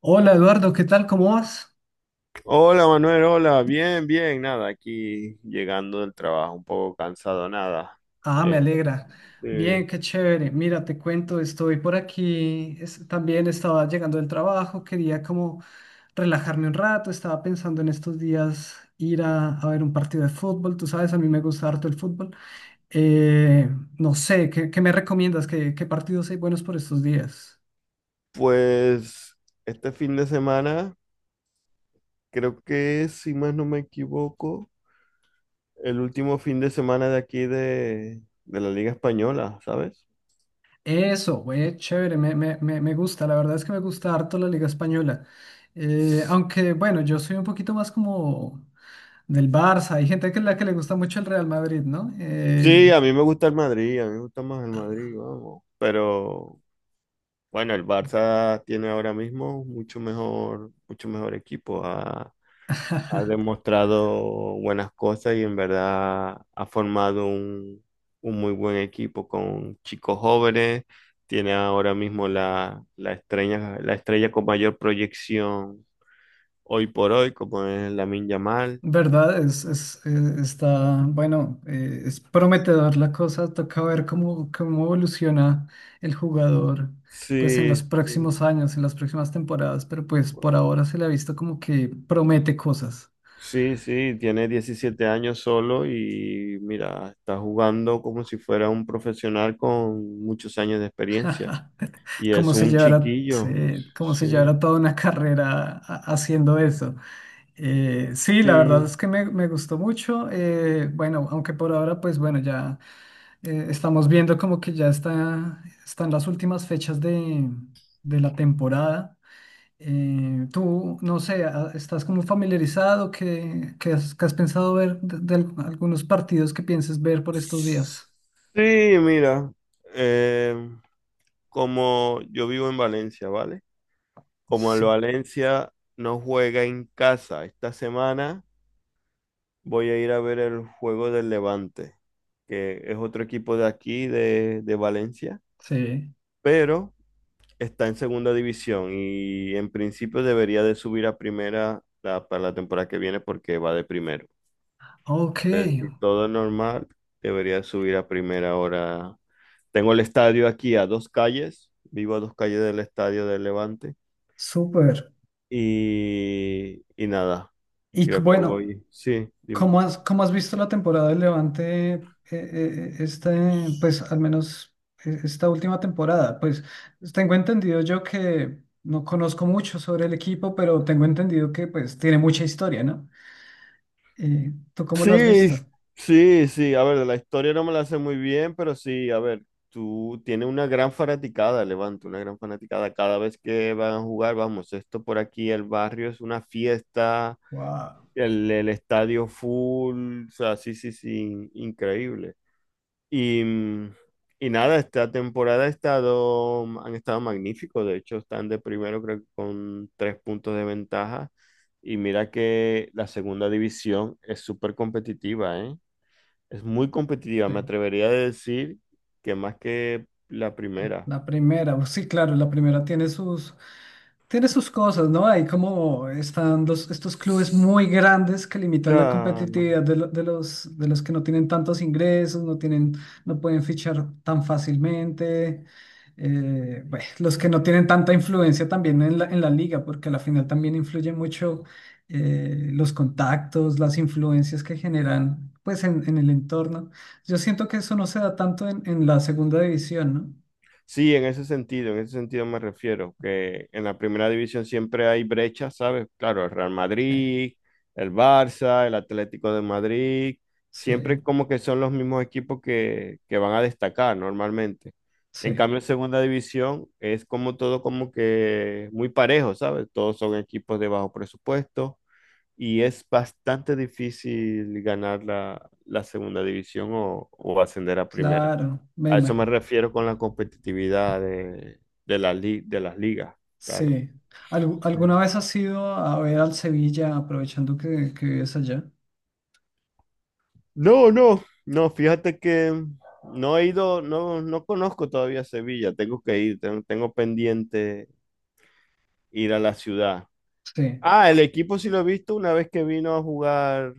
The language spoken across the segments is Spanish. Hola Eduardo, ¿qué tal? ¿Cómo vas? Hola Manuel, hola, bien, bien, nada, aquí llegando del trabajo, un poco cansado, nada. Ah, me Eh, alegra. Bien, eh, qué chévere. Mira, te cuento, estoy por aquí. También estaba llegando del trabajo, quería como relajarme un rato. Estaba pensando en estos días ir a ver un partido de fútbol. Tú sabes, a mí me gusta harto el fútbol. Eh, no sé, ¿qué me recomiendas? ¿Qué partidos hay buenos por estos días? pues este fin de semana, creo que si más no me equivoco, el último fin de semana de aquí de la Liga Española, ¿sabes? Eso, güey, chévere, me gusta. La verdad es que me gusta harto la Liga Española. Aunque, bueno, yo soy un poquito más como del Barça. Hay gente que le gusta mucho el Real Madrid, ¿no? Sí, Eh, a mí me gusta el Madrid, a mí me gusta más el Madrid, vamos. Pero bueno, el Barça tiene ahora mismo mucho mejor equipo. Ha demostrado buenas cosas y en verdad ha formado un muy buen equipo con chicos jóvenes. Tiene ahora mismo la estrella con mayor proyección hoy por hoy, como es Lamine Yamal. verdad, es prometedor la cosa. Toca ver cómo evoluciona el jugador, pues en Sí, los sí, próximos años, en las próximas temporadas. Pero pues por ahora se le ha visto como que promete cosas. sí, sí, tiene 17 años solo y mira, está jugando como si fuera un profesional con muchos años de experiencia. Y Como es se un llevará, chiquillo, como se sí. llevará toda una carrera haciendo eso. Sí, la verdad Sí, es que me gustó mucho. Bueno, aunque por ahora, pues bueno, ya. Estamos viendo como que ya está, están las últimas fechas de la temporada. Tú, no sé, ¿estás como familiarizado? ¿Qué has pensado ver de algunos partidos que pienses ver por estos días? sí, mira, eh, como yo vivo en Valencia, ¿vale? Como el Sí, Valencia no juega en casa esta semana, voy a ir a ver el juego del Levante, que es otro equipo de aquí, de Valencia, sí. pero está en segunda división y en principio debería de subir a primera para la temporada que viene porque va de primero. Ok, Sea, si todo normal, debería subir a primera hora. Tengo el estadio aquí a dos calles, vivo a dos calles del estadio del Levante. súper. Y nada, Y c- creo que bueno. voy. Sí, dime. Cómo has visto la temporada del Levante, este, pues al menos esta última temporada? Pues tengo entendido yo que no conozco mucho sobre el equipo, pero tengo entendido que pues tiene mucha historia, ¿no? ¿Tú cómo lo has Sí, visto? sí, sí. A ver, de la historia no me la sé muy bien, pero sí, a ver, tú tienes una gran fanaticada, Levante, una gran fanaticada. Cada vez que van a jugar, vamos, esto por aquí, el barrio es una fiesta. Wow. El estadio full, o sea, sí, sí, sí, increíble. Y, mm, y nada, esta temporada ha estado, han estado magníficos, de hecho están de primero creo que con tres puntos de ventaja. Y mira que la segunda división es súper competitiva, ¿eh? Es muy competitiva, me atrevería a decir que más que la primera. La primera, pues sí, claro, la primera tiene tiene sus cosas, ¿no? Hay como están estos clubes muy grandes que limitan la Claro, competitividad de los que no tienen tantos ingresos, no tienen, no pueden fichar tan fácilmente. Bueno, los que no tienen tanta influencia también en en la liga, porque a la final también influye mucho los contactos, las influencias que generan, pues, en el entorno. Yo siento que eso no se da tanto en la segunda división, ¿no? sí, en ese sentido me refiero, que en la primera división siempre hay brechas, ¿sabes? Claro, el Real Sí. Madrid, el Barça, el Atlético de Madrid, Sí, siempre como que son los mismos equipos que van a destacar normalmente. En sí, cambio, en segunda división es como todo como que muy parejo, ¿sabes? Todos son equipos de bajo presupuesto y es bastante difícil ganar la segunda división o ascender a primera. claro, me A eso me imagino. refiero con la competitividad de de las ligas, claro. Sí. Sí. ¿Alguna vez has ido a ver al Sevilla aprovechando que vives allá? No, no, no, fíjate que no he ido, no conozco todavía Sevilla, tengo que ir, tengo pendiente ir a la ciudad. Sí, Ah, el equipo sí lo he visto una vez que vino a jugar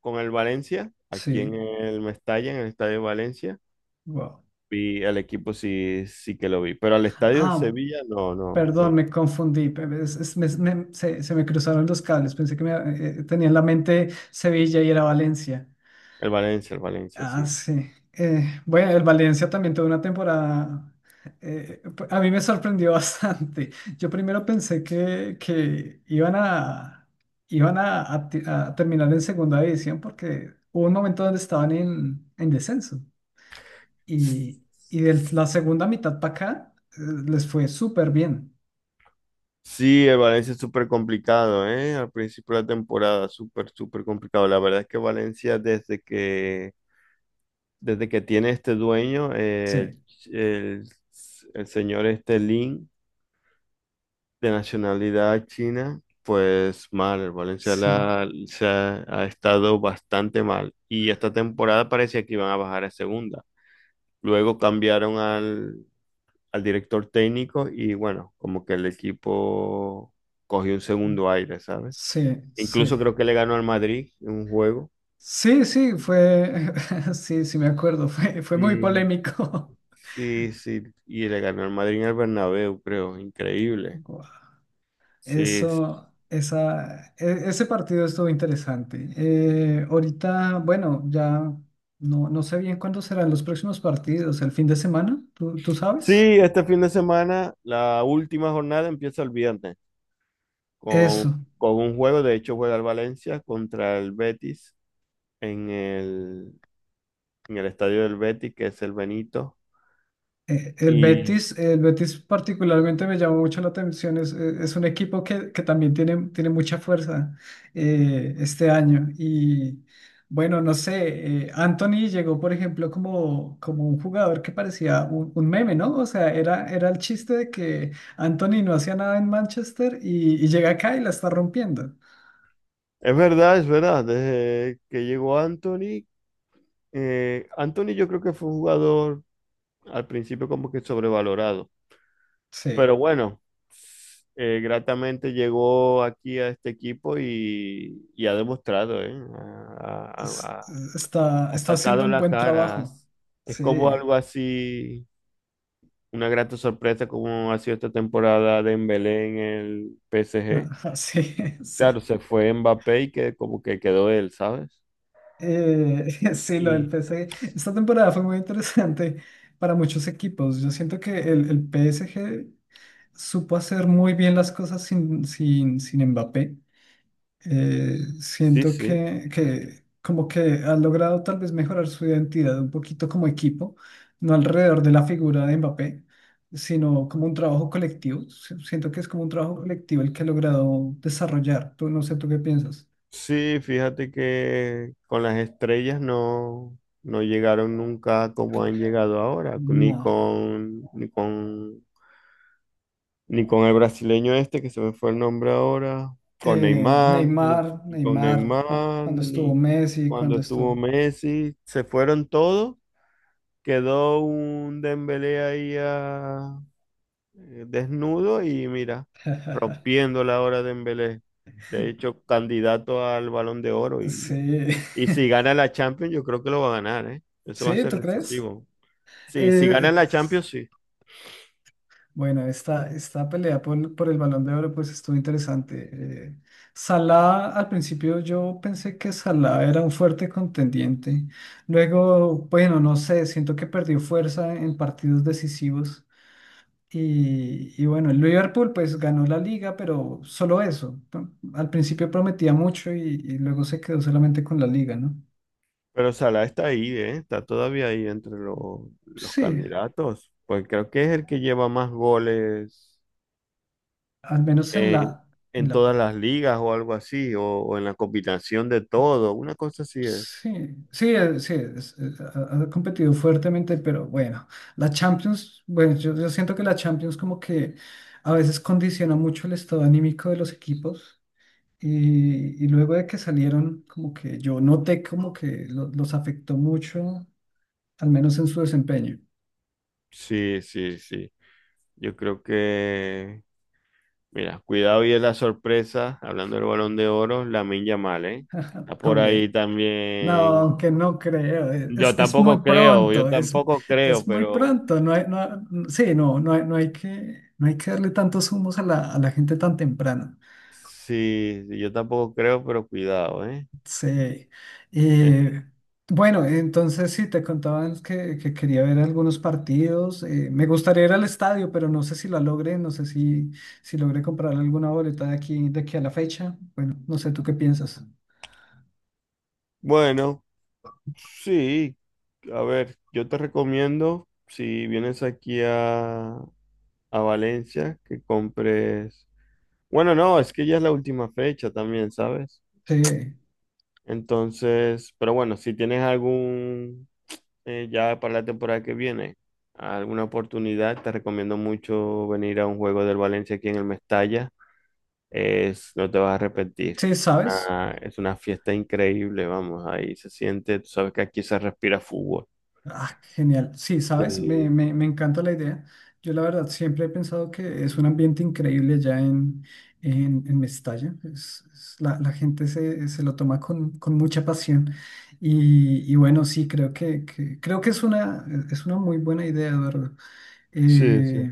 con el Valencia, aquí en sí, el Mestalla, en el Estadio de Valencia, wow. vi el equipo sí, sí que lo vi, pero al Estadio del Ah, Sevilla no, no, perdón, no, me confundí. Se me cruzaron los cables. Pensé que me, tenía en la mente Sevilla y era Valencia. El Valencia, Ah, sí. sí. Bueno, el Valencia también tuvo una temporada. A mí me sorprendió bastante. Yo primero pensé que iban a, iban a, a terminar en segunda división porque hubo un momento donde estaban en descenso. Sí. Y, y de la segunda mitad para acá, les fue súper bien. Sí, el Valencia es súper complicado, ¿eh? Al principio de la temporada, súper, súper complicado. La verdad es que Valencia, desde que tiene este dueño, Sí, el- el señor este Lin, de nacionalidad china, pues mal. Sí. Se ha estado bastante mal. Y esta temporada parecía que iban a bajar a segunda. Luego cambiaron al director técnico y bueno, como que el equipo cogió un segundo aire, ¿sabes? Sí, Incluso sí. creo que le ganó al Madrid en un juego. Sí, sí, fue, sí, sí me acuerdo, fue, fue muy Sí, polémico. sí, sí, y le ganó al Madrid en el Bernabéu, creo, increíble. Guau. Sí, sí, Eso, esa, e- ese partido estuvo interesante. Ahorita, bueno, ya no, no sé bien cuándo serán los próximos partidos, el fin de semana, ¿tú sí, sabes? este fin de semana, la última jornada empieza el viernes con, Eso. con un juego, de hecho juega el Valencia contra el Betis en el, en el estadio del Betis, que es el Benito. Y El Betis particularmente me llama mucho la atención, es un equipo que también tiene, tiene mucha fuerza este año y bueno, no sé, Anthony llegó por ejemplo como, como un jugador que parecía un meme, ¿no? O sea, era, era el chiste de que Anthony no hacía nada en Manchester y llega acá y la está rompiendo. Es verdad, desde que llegó Anthony, Anthony yo creo que fue un jugador al principio como que sobrevalorado, pero Sí, bueno, gratamente llegó aquí a este equipo y ha demostrado, ¿eh? Ha, ha- es- ha- está, ha está haciendo sacado un la buen cara. trabajo. Es como Sí, algo así, una grata sorpresa como ha sido esta temporada de Dembélé en el PSG. sí, Claro, sí. se fue Mbappé y que como que quedó él, ¿sabes? Sí, lo del Y PSG. Esta temporada fue muy interesante para muchos equipos. Yo siento que el PSG supo hacer muy bien las cosas sin Mbappé. Sí, Siento sí. Que como que ha logrado tal vez mejorar su identidad un poquito como equipo, no alrededor de la figura de Mbappé, sino como un trabajo colectivo. Si- Siento que es como un trabajo colectivo el que ha logrado desarrollar. Tú, no sé, ¿tú qué piensas? Sí, fíjate que con las estrellas no, no llegaron nunca como han llegado ahora, ni No. con, ni con, ni con el brasileño este que se me fue el nombre ahora, con Neymar, ni, Neymar, ni con Neymar, Neymar, cuando estuvo ni Messi, cuando cuando estuvo estuvo... Messi, se fueron todos, quedó un Dembélé ahí desnudo y mira, rompiendo la hora de Dembélé, de hecho candidato al Balón de Oro y Sí, y si gana la Champions, yo creo que lo va a ganar, ¿eh? Eso va a sí, ser ¿tú crees? decisivo. Sí, si Eh, gana la Champions, sí. bueno, esta pelea por el Balón de Oro pues estuvo interesante. Eh, Salah, al principio yo pensé que Salah era un fuerte contendiente. Luego, bueno, no sé, siento que perdió fuerza en partidos decisivos. Y bueno, el Liverpool pues ganó la liga, pero solo eso. Al principio prometía mucho y luego se quedó solamente con la liga, ¿no? Pero Salah está ahí, ¿eh? Está todavía ahí entre los Sí, candidatos. Pues creo que es el que lleva más goles al menos en en, la, en en la, todas las ligas o algo así, o en la combinación de todo. Una cosa así es. sí, sí, sí, ha, ha competido fuertemente, pero bueno, la Champions, bueno, yo siento que la Champions como que a veces condiciona mucho el estado anímico de los equipos. Y luego de que salieron, como que yo noté como que los afectó mucho, al menos en su desempeño. Sí, sí, sí. Yo creo que, mira, cuidado y es la sorpresa, hablando del Balón de Oro, Lamine Yamal, ¿eh? Está por ahí También. No, también. aunque no creo, Yo tampoco creo, es muy pero pronto, no hay, no, sí, no, no hay que darle tantos humos a a la gente tan temprano. sí, sí, yo tampoco creo, pero cuidado, ¿eh? Sí. Eh, bueno, entonces sí, te contaban que quería ver algunos partidos, me gustaría ir al estadio, pero no sé si la logré, no sé si, si logré comprar alguna boleta de aquí a la fecha, bueno, no sé, ¿tú qué piensas? Bueno, sí, a ver, yo te recomiendo, si vienes aquí a Valencia, que compres... Bueno, no, es que ya es la última fecha también, ¿sabes? Sí, Entonces, pero bueno, si tienes algún, ya para la temporada que viene, alguna oportunidad, te recomiendo mucho venir a un juego del Valencia aquí en el Mestalla. Es, no te vas a arrepentir. sí, Es ¿sabes? una, es una fiesta increíble, vamos, ahí se siente, tú sabes que aquí se respira fútbol. Ah, genial. Sí, sabes, me, Sí. me, me encanta la idea. Yo la verdad siempre he pensado que es un ambiente increíble ya en Mestalla. Es- la, la gente se lo toma con mucha pasión. Y bueno, sí, creo creo que es una muy buena idea, Eduardo. Sí, sí. Eh,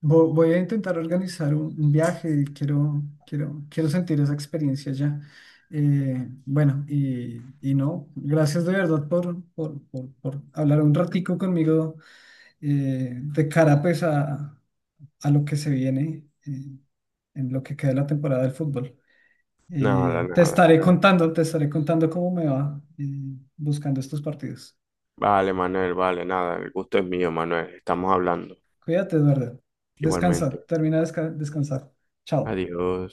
voy a intentar organizar un viaje, quiero, quiero, quiero sentir esa experiencia ya. Bueno, y no, gracias de verdad por hablar un ratico conmigo de cara pues a lo que se viene en lo que queda de la temporada del fútbol. Nada, nada, nada. Te estaré contando cómo me va buscando estos partidos. Vale, Manuel, vale, nada. El gusto es mío, Manuel. Estamos hablando. Cuídate, Eduardo. Descansa, Igualmente. termina de descansar. Chao. Adiós.